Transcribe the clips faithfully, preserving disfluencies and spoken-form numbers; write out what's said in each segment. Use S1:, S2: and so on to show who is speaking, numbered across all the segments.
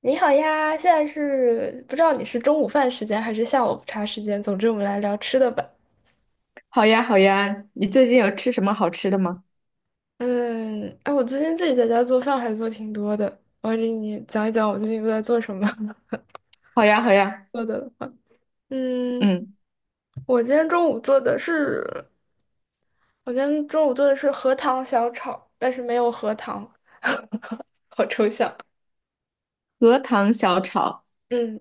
S1: 你好呀，现在是不知道你是中午饭时间还是下午茶时间，总之我们来聊吃的吧。
S2: 好呀，好呀，你最近有吃什么好吃的吗？
S1: 嗯，哎，我最近自己在家做饭还做挺多的，我给你讲一讲我最近都在做什么。
S2: 好呀，好呀，
S1: 做的的话。嗯，
S2: 嗯，
S1: 我今天中午做的是，我今天中午做的是荷塘小炒，但是没有荷塘，好抽象。
S2: 荷塘小炒。
S1: 嗯，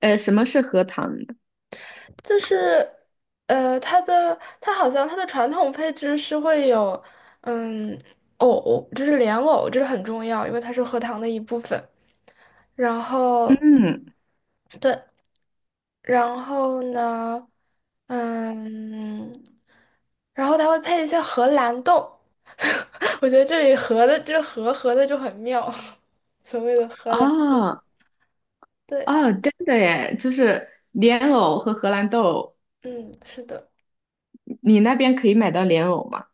S2: 呃，什么是荷塘呢？
S1: 就是，呃，它的它好像它的传统配置是会有，嗯，藕，就是莲藕，这是很重要，因为它是荷塘的一部分。然后，
S2: 嗯。
S1: 对，然后呢，嗯，然后它会配一些荷兰豆，我觉得这里荷的这个荷荷的就很妙，所谓的荷兰，
S2: 哦。
S1: 对，
S2: 哦，真的耶，就是莲藕和荷兰豆。
S1: 嗯，是的。
S2: 你那边可以买到莲藕吗？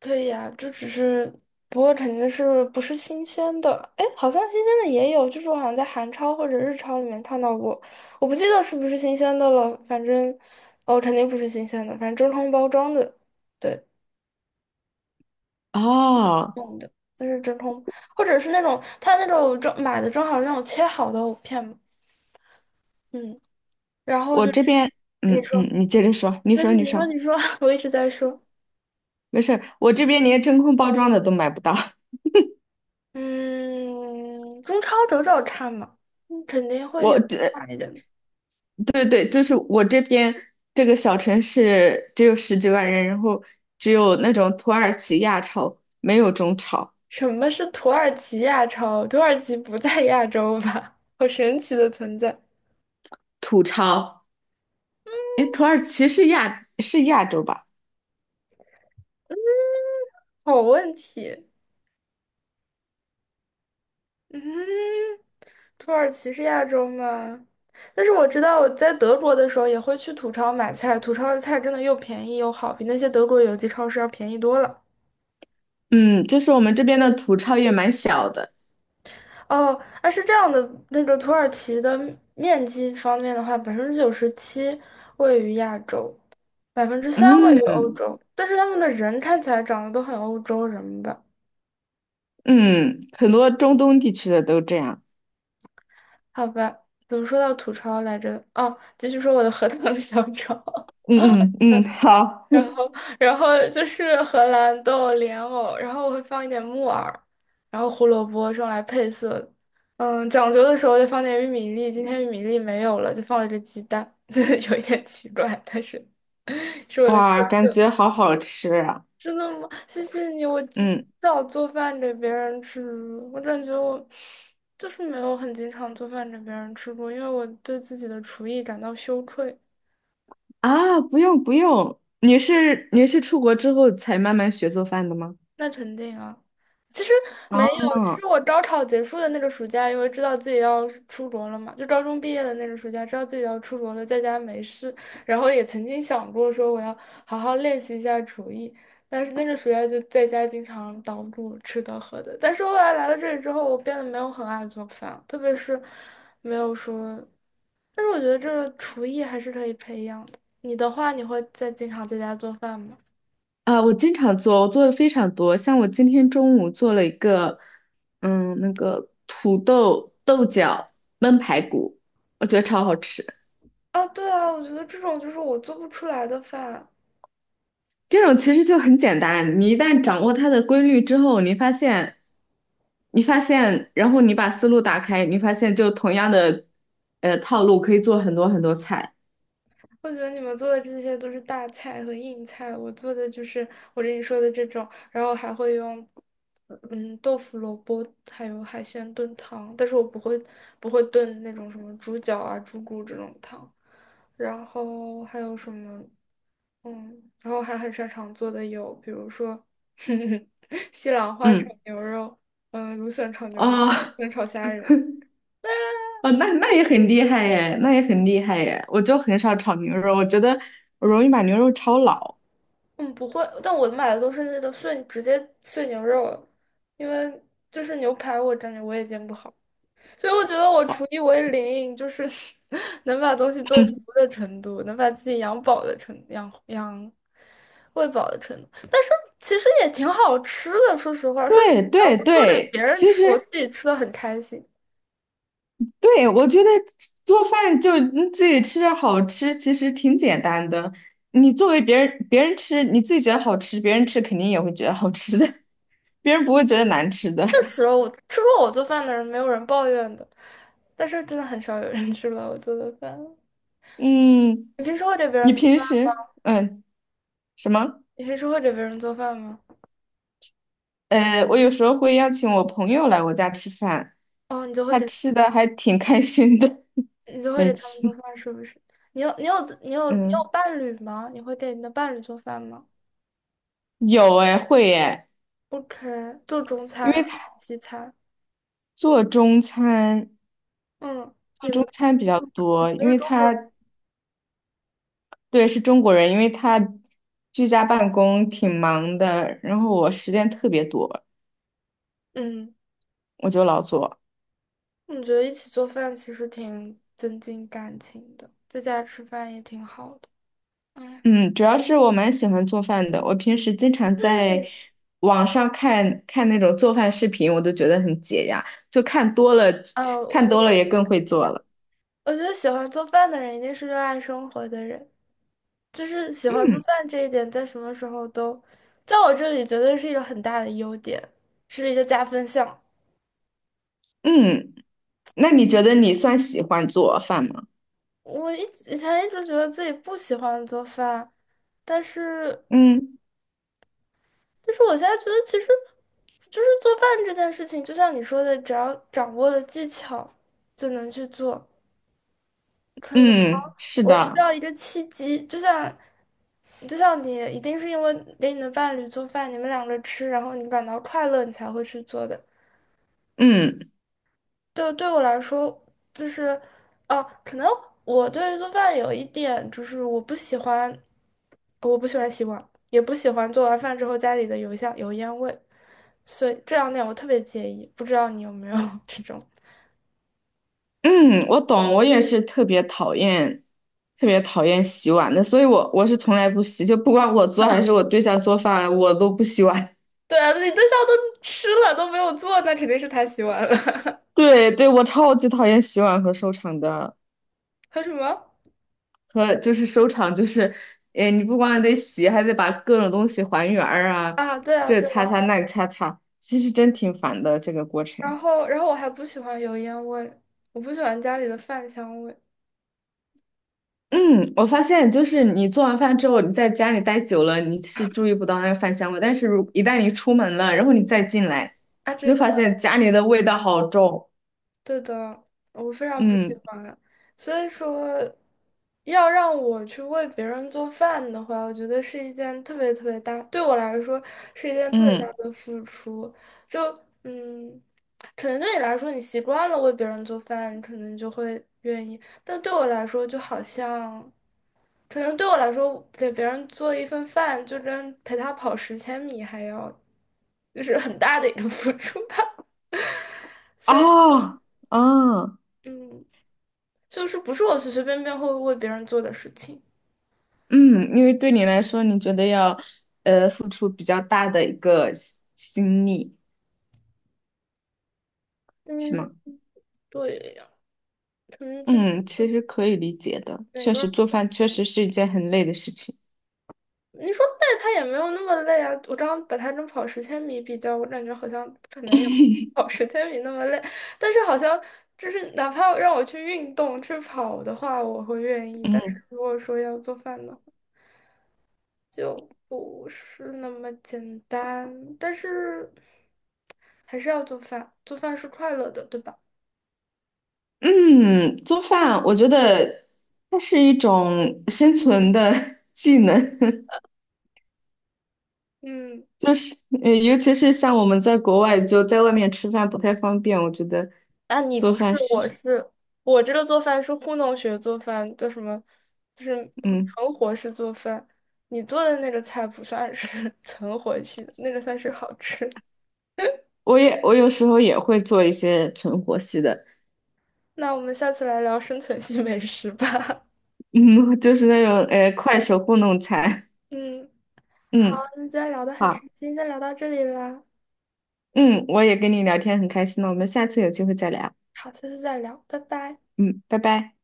S1: 对呀，这只是，不过肯定是不是新鲜的。哎，好像新鲜的也有，就是我好像在韩超或者日超里面看到过，我不记得是不是新鲜的了。反正，哦，肯定不是新鲜的，反正真空包装的，对，
S2: 哦，
S1: 弄的，那是真空，或者是那种他那种正买的正好是那种切好的藕片嘛，嗯，然后
S2: 我
S1: 就是
S2: 这边，
S1: 你
S2: 嗯嗯，
S1: 说
S2: 你接着说，你
S1: 没
S2: 说
S1: 事，
S2: 你
S1: 你说
S2: 说，
S1: 你说，我一直在说，
S2: 没事儿，我这边连真空包装的都买不到。
S1: 嗯，中超找找看嘛，嗯肯定 会
S2: 我
S1: 有
S2: 这
S1: 卖的。
S2: 对对，就是我这边这个小城市只有十几万人，然后只有那种土耳其亚超，没有中超、
S1: 什么是土耳其亚超？土耳其不在亚洲吧？好神奇的存在，
S2: 土超。诶，土耳其是亚是亚洲吧？
S1: 好问题。嗯，土耳其是亚洲吗？但是我知道我在德国的时候也会去土超买菜，土超的菜真的又便宜又好，比那些德国有机超市要便宜多了。
S2: 嗯，就是我们这边的土超也蛮小的。
S1: 哦，啊是这样的，那个土耳其的面积方面的话，百分之九十七位于亚洲，百分之三位于欧
S2: 嗯
S1: 洲，但是他们的人看起来长得都很欧洲人吧。
S2: 嗯，很多中东地区的都这样。
S1: 好吧，怎么说到吐槽来着？哦，继续说我的荷塘小炒。
S2: 嗯嗯嗯，好。
S1: 然后，然后就是荷兰豆、莲藕，然后我会放一点木耳，然后胡萝卜是用来配色的。嗯，讲究的时候就放点玉米粒，今天玉米粒没有了，就放了只鸡蛋，就有一点奇怪，但是 是为了配
S2: 哇，感
S1: 色。
S2: 觉好好吃啊！
S1: 真的吗？谢谢你，我极
S2: 嗯。
S1: 少做饭给别人吃。我感觉我就是没有很经常做饭给别人吃过，因为我对自己的厨艺感到羞愧。
S2: 啊，不用不用，你是你是出国之后才慢慢学做饭的吗？
S1: 那肯定啊。其实没有，其
S2: 哦。
S1: 实我高考结束的那个暑假，因为知道自己要出国了嘛，就高中毕业的那个暑假，知道自己要出国了，在家没事，然后也曾经想过说我要好好练习一下厨艺，但是那个暑假就在家经常捣鼓吃的喝的。但是后来来了这里之后，我变得没有很爱做饭，特别是没有说，但是我觉得这个厨艺还是可以培养的。你的话，你会在经常在家做饭吗？
S2: 啊，我经常做，我做的非常多。像我今天中午做了一个，嗯，那个土豆豆角焖排骨，我觉得超好吃。
S1: 啊，对啊，我觉得这种就是我做不出来的饭。
S2: 这种其实就很简单，你一旦掌握它的规律之后，你发现，你发现，然后你把思路打开，你发现就同样的，呃，套路可以做很多很多菜。
S1: 我觉得你们做的这些都是大菜和硬菜，我做的就是我跟你说的这种，然后还会用，嗯，豆腐、萝卜还有海鲜炖汤，但是我不会不会炖那种什么猪脚啊、猪骨这种汤。然后还有什么，嗯，然后还很擅长做的有，比如说 西兰花炒
S2: 嗯。
S1: 牛肉，嗯，芦笋炒牛肉，芦
S2: 哦。
S1: 笋炒虾仁。
S2: 哦，那那也很厉害耶，那也很厉害耶。我就很少炒牛肉，我觉得我容易把牛肉炒老。
S1: 嗯，不会，但我买的都是那种碎，直接碎牛肉了，因为就是牛排，我感觉我也煎不好，所以我觉得我厨
S2: 哦。
S1: 艺为零，就是 能把东西做熟的程度，能把自己养饱的程养养喂饱的程度，但是其实也挺好吃的，说实话，说实
S2: 对
S1: 话，
S2: 对
S1: 我做给
S2: 对，
S1: 别人
S2: 其
S1: 吃，我
S2: 实
S1: 自己吃的很开心。
S2: 对我觉得做饭就你自己吃着好吃，其实挺简单的。你作为别人别人吃，你自己觉得好吃，别人吃肯定也会觉得好吃的，别人不会觉得难吃的。
S1: 确实，我吃过我做饭的人，没有人抱怨的，但是真的很少有人吃了我做的饭。
S2: 嗯，
S1: 你平时会给别
S2: 你
S1: 人做？
S2: 平时嗯什么？
S1: 你平时会给别人做饭吗？
S2: 呃，我有时候会邀请我朋友来我家吃饭，
S1: 哦，你就会
S2: 他
S1: 给
S2: 吃的还挺开心的，
S1: 你就 会
S2: 每
S1: 给他
S2: 次。
S1: 们做饭，是不是？你有你有自你有你
S2: 嗯，
S1: 有伴侣吗？你会给你的伴侣做饭吗
S2: 有哎，会哎，
S1: ？OK,做中
S2: 因
S1: 餐还
S2: 为
S1: 是
S2: 他
S1: 西餐？
S2: 做中餐。
S1: 嗯，你们
S2: 中餐比较
S1: 你
S2: 多，因
S1: 都是
S2: 为
S1: 中国人。
S2: 他对是中国人，因为他居家办公挺忙的，然后我时间特别多，
S1: 嗯，
S2: 我就老做。
S1: 我觉得一起做饭其实挺增进感情的，在家吃饭也挺好的。哎，
S2: 嗯，主要是我蛮喜欢做饭的，我平时经常在网上看看那种做饭视频，我都觉得很解压，就看多了，
S1: 呃，
S2: 看
S1: 我
S2: 多了也更会做了。
S1: 我觉得喜欢做饭的人一定是热爱生活的人。就是喜欢做
S2: 嗯
S1: 饭这一点，在什么时候都，在我这里绝对是一个很大的优点，是一个加分项。
S2: 嗯，那你觉得你算喜欢做饭吗？
S1: 我一以前一直觉得自己不喜欢做饭，但是，
S2: 嗯
S1: 但是我现在觉得其实，就是做饭这件事情，就像你说的，只要掌握了技巧，就能去做。可能
S2: 嗯，是
S1: 我需
S2: 的，
S1: 要一个契机，就像，就像你一定是因为给你的伴侣做饭，你们两个吃，然后你感到快乐，你才会去做的。
S2: 嗯。
S1: 对，对我来说，就是，哦、可能我对于做饭有一点，就是我不喜欢，我不喜欢洗碗，也不喜欢做完饭之后家里的油香油烟味，所以这两点我特别介意。不知道你有没有 这种？
S2: 嗯，我懂，我也是特别讨厌，特别讨厌洗碗的，所以我我是从来不洗，就不管我做还是我对象做饭，我都不洗碗。
S1: 对啊，你对象都吃了都没有做，那肯定是他洗碗了。
S2: 对对，我超级讨厌洗碗和收场的，
S1: 还有什么？
S2: 和就是收场就是，哎，你不光得洗，还得把各种东西还原儿啊，
S1: 啊，对啊，
S2: 这
S1: 对
S2: 擦
S1: 啊。
S2: 擦那擦擦，其实真挺烦的这个过
S1: 然
S2: 程。
S1: 后，然后我还不喜欢油烟味，我不喜欢家里的饭香味。
S2: 嗯，我发现就是你做完饭之后，你在家里待久了，你是注意不到那个饭香味，但是如一旦你出门了，然后你再进来，
S1: 啊，
S2: 你
S1: 真
S2: 就
S1: 的。
S2: 发现家里的味道好重。
S1: 对的，我非常不喜
S2: 嗯
S1: 欢。所以说，要让我去为别人做饭的话，我觉得是一件特别特别大，对我来说是一件特别
S2: 嗯，
S1: 大的付出。就嗯，可能对你来说，你习惯了为别人做饭，你可能就会愿意。但对我来说，就好像，可能对我来说，给别人做一份饭，就跟陪他跑十千米还要，就是很大的一个付出吧。所以。
S2: 啊啊
S1: 嗯，就是不是我随随便便会为别人做的事情。
S2: 嗯，因为对你来说，你觉得要呃付出比较大的一个心心力，是
S1: 嗯，
S2: 吗？
S1: 对呀，可能这就是
S2: 嗯，其实可以理解的，
S1: 哪
S2: 确
S1: 边儿。
S2: 实做饭确实是一件很累的事情。
S1: 你说累，他也没有那么累啊。我刚刚把他跟跑十千米比较，我感觉好像不可能有 跑 十千米那么累。但是好像就是哪怕让我去运动去跑的话，我会愿意。但是
S2: 嗯。
S1: 如果说要做饭的话，就不是那么简单。但是还是要做饭，做饭是快乐的，对吧？
S2: 嗯，做饭我觉得它是一种生存的 技能，
S1: 嗯。
S2: 就是呃，尤其是像我们在国外就在外面吃饭不太方便，我觉得
S1: 啊，你
S2: 做
S1: 不是，
S2: 饭是，
S1: 我是我这个做饭是糊弄学做饭，叫什么？就是
S2: 嗯，
S1: 存活式做饭。你做的那个菜不算是 存活系的，那个算是好吃。
S2: 我也我有时候也会做一些存活系的，
S1: 那我们下次来聊生存系美食吧。
S2: 嗯，就是那种呃快手糊弄菜，
S1: 嗯，好，
S2: 嗯，
S1: 那今天聊得很开
S2: 好，
S1: 心，先聊到这里啦。
S2: 嗯，我也跟你聊天很开心呢，我们下次有机会再聊，
S1: 好，下次再聊，拜拜。
S2: 嗯，拜拜。